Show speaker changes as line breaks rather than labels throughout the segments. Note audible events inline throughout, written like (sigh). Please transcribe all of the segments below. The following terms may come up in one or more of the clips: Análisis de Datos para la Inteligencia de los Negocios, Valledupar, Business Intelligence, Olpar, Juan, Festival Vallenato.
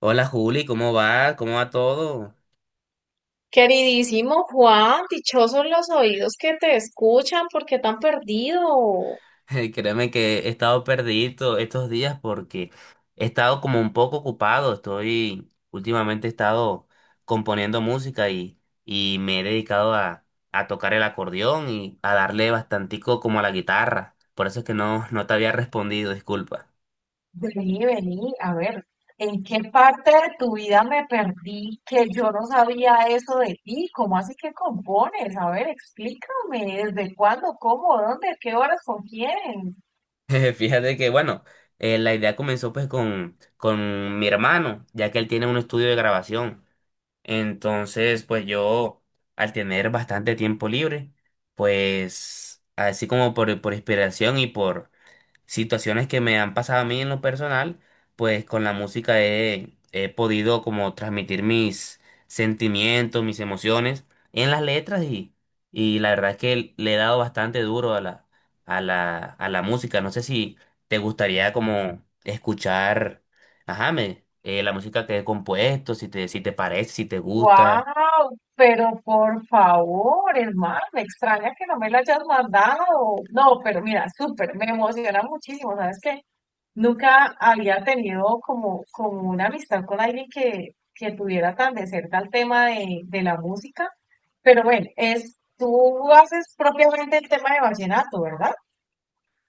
Hola Juli, ¿cómo va? ¿Cómo va todo?
Queridísimo Juan, dichosos los oídos que te escuchan, ¿por qué tan perdido?
(laughs) Créeme que he estado perdido estos días porque he estado como un poco ocupado. Últimamente he estado componiendo música y me he dedicado a tocar el acordeón y a darle bastantico como a la guitarra. Por eso es que no te había respondido, disculpa.
Vení, a ver, ¿en qué parte de tu vida me perdí que yo no sabía eso de ti? ¿Cómo así que compones? A ver, explícame, ¿desde cuándo, cómo, dónde, a qué horas, con quién?
(laughs) Fíjate que, bueno, la idea comenzó pues con mi hermano, ya que él tiene un estudio de grabación. Entonces, pues yo, al tener bastante tiempo libre, pues así como por inspiración y situaciones que me han pasado a mí en lo personal, pues con la música he podido como transmitir mis sentimientos, mis emociones en las letras y la verdad es que le he dado bastante duro a la, a la música. No sé si te gustaría como escuchar, ajá, la música que he compuesto, si te parece, si te gusta.
¡Wow! Pero por favor, hermano, me extraña que no me lo hayas mandado. No, pero mira, súper, me emociona muchísimo, ¿sabes qué? Nunca había tenido como una amistad con alguien que tuviera tan de cerca el tema de la música. Pero bueno, es, tú haces propiamente el tema de vallenato, ¿verdad?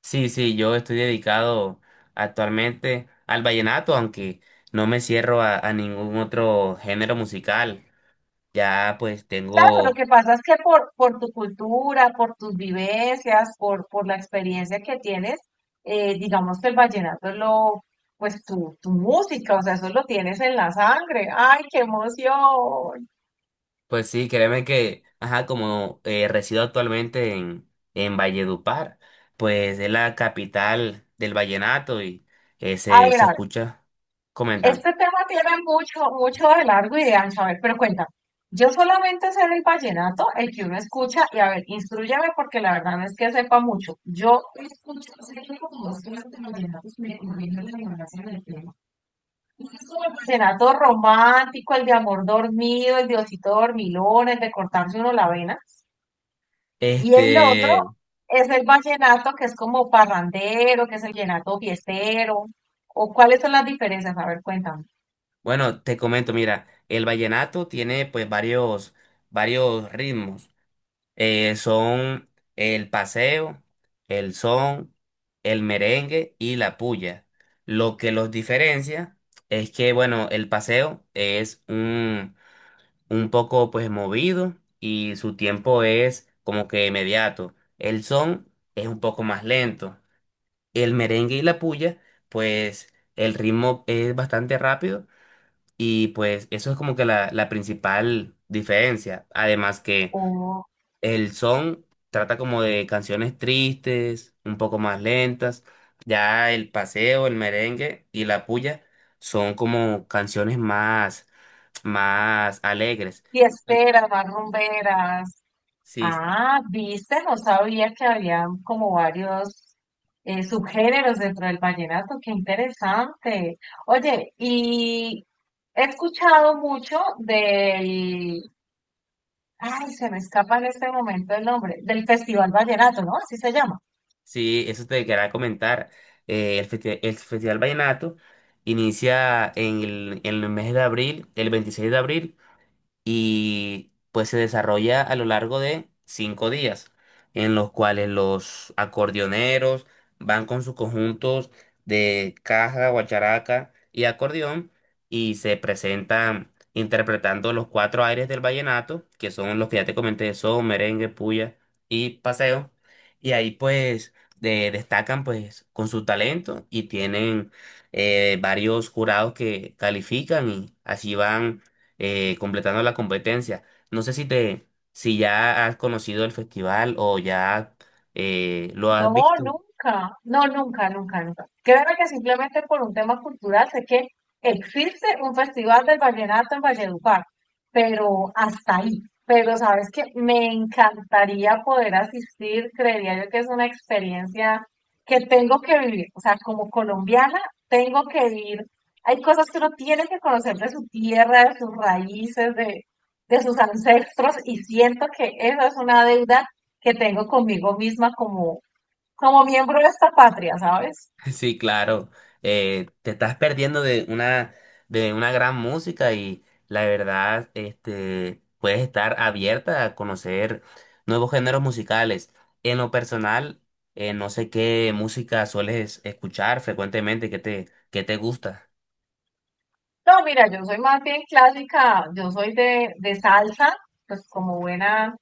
Sí, sí, yo estoy dedicado actualmente al vallenato, aunque no me cierro a ningún otro género musical. Ya pues
Claro, lo
tengo,
que pasa es que por tu cultura, por tus vivencias, por la experiencia que tienes, digamos que el vallenato es lo, pues tu música, o sea, eso lo tienes en la sangre. ¡Ay, qué emoción!
pues sí, créeme que, ajá, como resido actualmente en, Valledupar, pues es la capital del vallenato y
A
se,
ver,
se
ver,
escucha. Coméntame.
este tema tiene mucho de largo y de ancho. A ver, pero cuenta. Yo solamente sé el vallenato, el que uno escucha, y a ver, instrúyame porque la verdad no es que sepa mucho. Yo escucho, sé que como dos clases de vallenatos me conviene la ignorancia del tema. Uno es como el vallenato romántico, el de amor dormido, el de osito dormilón, el de cortarse uno la vena. Y el otro
Este,
es el vallenato que es como parrandero, que es el vallenato fiestero. ¿O cuáles son las diferencias? A ver, cuéntame.
bueno, te comento, mira, el vallenato tiene pues varios, ritmos. Son el paseo, el son, el merengue y la puya. Lo que los diferencia es que, bueno, el paseo es un poco pues movido y su tiempo es como que inmediato. El son es un poco más lento. El merengue y la puya, pues el ritmo es bastante rápido y pues eso es como que la principal diferencia. Además que el son trata como de canciones tristes, un poco más lentas. Ya el paseo, el merengue y la puya son como canciones más, más alegres.
Fiesteras, rumberas.
Sí, sí,
Ah, viste, no sabía que había como varios subgéneros dentro del vallenato, qué interesante. Oye, y he escuchado mucho del, ay, se me escapa en este momento el nombre, del Festival Vallenato, ¿no? Así se llama.
sí, eso te quería comentar. El Festival Vallenato inicia en el mes de abril, el 26 de abril, y pues se desarrolla a lo largo de 5 días, en los cuales los acordeoneros van con sus conjuntos de caja, guacharaca y acordeón y se presentan interpretando los cuatro aires del vallenato, que son los que ya te comenté, son merengue, puya y paseo, y ahí pues destacan pues con su talento y tienen varios jurados que califican y así van completando la competencia. No sé si ya has conocido el festival o ya lo has
No,
visto.
nunca, no, nunca, nunca, nunca. Créeme que simplemente por un tema cultural sé que existe un festival del vallenato en Valledupar, pero hasta ahí. Pero sabes que me encantaría poder asistir, creería yo que es una experiencia que tengo que vivir. O sea, como colombiana, tengo que ir. Hay cosas que uno tiene que conocer de su tierra, de sus raíces, de sus ancestros, y siento que esa es una deuda que tengo conmigo misma como como miembro de esta patria, ¿sabes?
(laughs) Sí, claro. Te estás perdiendo de una gran música y la verdad, este, puedes estar abierta a conocer nuevos géneros musicales. En lo personal, no sé qué música sueles escuchar frecuentemente, qué te gusta.
No, mira, yo soy más bien clásica, yo soy de salsa, pues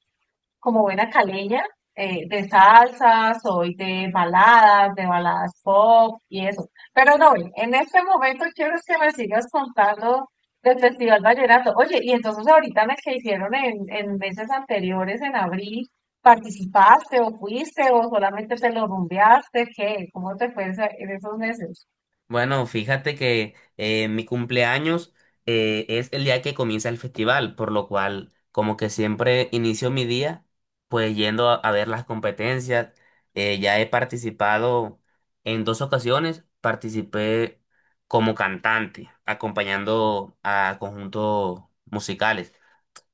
como buena caleña, de salsa, soy de baladas pop y eso. Pero no, en este momento quiero es que me sigas contando del Festival Vallenato. Oye, y entonces ahorita en el que hicieron en meses anteriores, en abril, ¿participaste o fuiste o solamente te lo rumbeaste? ¿Qué? ¿Cómo te fue esa- en esos meses?
Bueno, fíjate que mi cumpleaños es el día que comienza el festival, por lo cual como que siempre inicio mi día pues yendo a ver las competencias. Ya he participado en dos ocasiones, participé como cantante, acompañando a conjuntos musicales.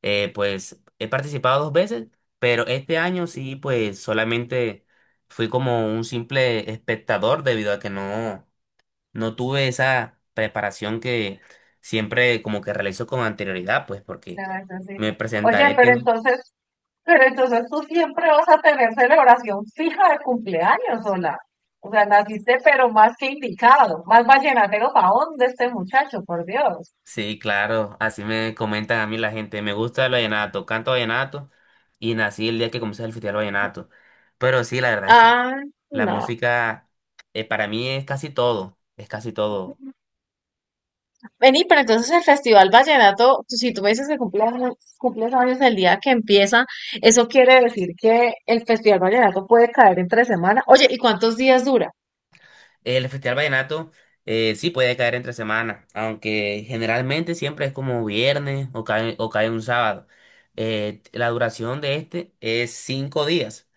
Pues he participado dos veces, pero este año sí, pues solamente fui como un simple espectador debido a que no tuve esa preparación que siempre como que realizo con anterioridad, pues
Se
porque me
necesita. Oye,
presentaré.
pero
ten-
entonces, pero entonces tú siempre vas a tener celebración fija de cumpleaños, sola. O sea, naciste pero más que indicado, más vallenatero paón de este muchacho, por Dios.
Sí, claro, así me comentan a mí la gente. Me gusta el vallenato, canto vallenato y nací el día que comenzó el Festival Vallenato. Pero sí, la verdad es que
Ah,
la
no.
música para mí es casi todo, es casi todo.
Vení, pero entonces el Festival Vallenato, tú- si tú me dices que cumple años- cumples años el día que empieza, eso quiere decir que el Festival Vallenato puede caer entre semana. Oye, ¿y cuántos días dura?
El Festival Vallenato sí puede caer entre semana, aunque generalmente siempre es como viernes o cae, un sábado. La duración de este es 5 días,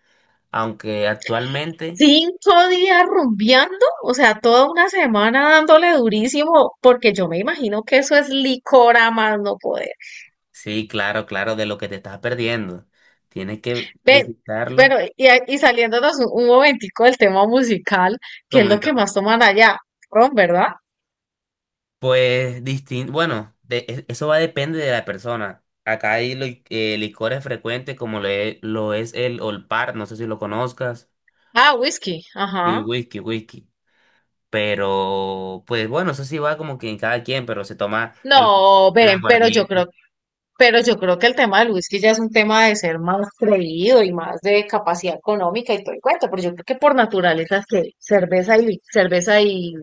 aunque actualmente,
Cinco días rumbeando, o sea, toda una semana dándole durísimo, porque yo me imagino que eso es licor a más no poder.
sí, claro, claro, de lo que te estás perdiendo. Tienes que
Ven,
visitarlo.
bueno, y, a- y saliéndonos un momentico del tema musical, ¿qué es lo que
Coméntame.
más toman allá? Ron, ¿verdad?
Pues distinto, bueno, eso va a depender de la persona. Acá hay licores frecuentes como lo es, el Olpar, no sé si lo conozcas,
Ah, whisky,
y
ajá.
whisky, whisky. Pero, pues bueno, eso sí va como que en cada quien, pero se toma el,
No,
el
ven,
aguardiente.
pero yo creo que el tema del whisky ya es un tema de ser más creído y más de capacidad económica y todo el cuento, pero yo creo que por naturaleza es que cerveza y cerveza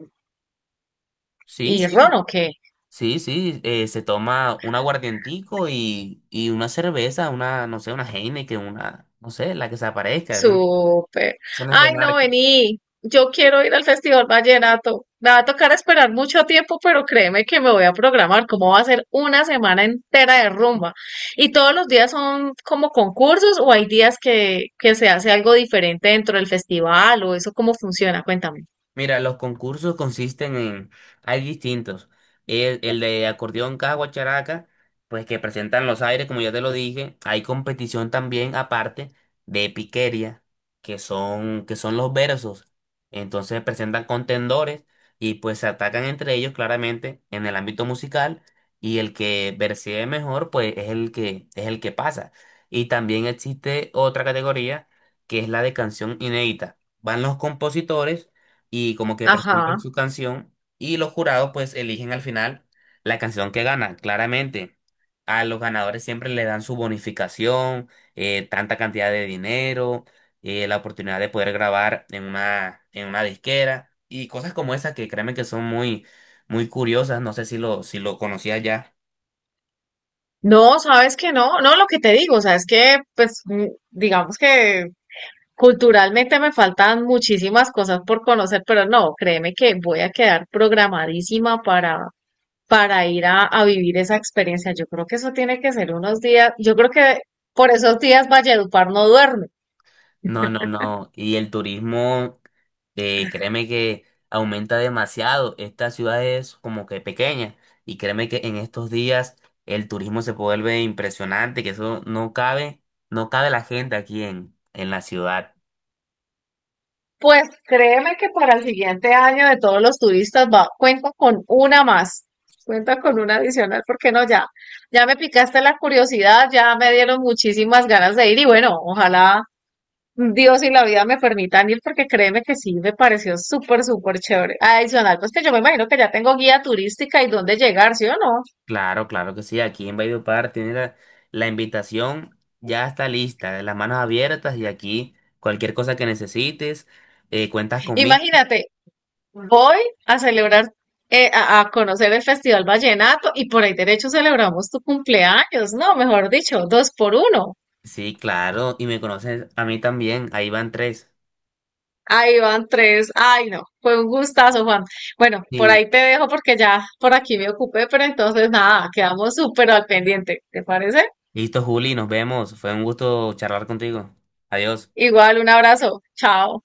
Sí,
y ron,
sí,
¿o qué?
sí, sí, se toma un aguardientico y una cerveza, una, no sé, una Heineken, una, no sé, la que se aparezca, eso no,
Súper.
eso no es de
Ay, no,
marca.
vení. Yo quiero ir al Festival Vallenato. Me va a tocar esperar mucho tiempo, pero créeme que me voy a programar. Como va a ser una semana entera de rumba? ¿Y todos los días son como concursos o hay días que se hace algo diferente dentro del festival o eso cómo funciona? Cuéntame.
Mira, los concursos hay distintos. El de acordeón caja guacharaca, pues que presentan los aires, como ya te lo dije. Hay competición también aparte de piquería, que son los versos. Entonces presentan contendores y pues se atacan entre ellos claramente en el ámbito musical y el que versee mejor, pues es el que, pasa. Y también existe otra categoría que es la de canción inédita. Van los compositores y como que presentan
Ajá.
su canción y los jurados pues eligen al final la canción que gana, claramente. A los ganadores siempre le dan su bonificación, tanta cantidad de dinero, la oportunidad de poder grabar en una disquera y cosas como esas que créeme que son muy, muy curiosas. No sé si lo conocía ya.
No, sabes que no, no, lo que te digo, o sea, es que, pues, mm, digamos que culturalmente me faltan muchísimas cosas por conocer, pero no, créeme que voy a quedar programadísima para ir a vivir esa experiencia. Yo creo que eso tiene que ser unos días, yo creo que por esos días Valledupar no duerme.
No, no, no. Y el turismo, créeme que aumenta demasiado. Esta ciudad es como que pequeña. Y créeme que en estos días el turismo se vuelve impresionante, que eso no cabe, no cabe la gente aquí en, la ciudad.
Pues créeme que para el siguiente año de todos los turistas va, cuenta con una más, cuenta con una adicional, porque no, ya, ya me picaste la curiosidad, ya me dieron muchísimas ganas de ir y bueno, ojalá Dios y la vida me permitan ir porque créeme que sí, me pareció súper, súper chévere. Adicional, pues que yo me imagino que ya tengo guía turística y dónde llegar, ¿sí o no?
Claro, claro que sí. Aquí en Valledupar tiene la invitación, ya está lista, las manos abiertas y aquí cualquier cosa que necesites, cuentas conmigo.
Imagínate, voy a celebrar, a conocer el Festival Vallenato y por ahí derecho celebramos tu cumpleaños, ¿no? Mejor dicho, dos por uno.
Sí, claro. Y me conoces a mí también. Ahí van tres.
Ahí van tres. Ay, no, fue un gustazo, Juan. Bueno, por
Sí.
ahí te dejo porque ya por aquí me ocupé, pero entonces nada, quedamos súper al pendiente, ¿te parece?
Listo, Juli, nos vemos. Fue un gusto charlar contigo. Adiós.
Igual, un abrazo. Chao.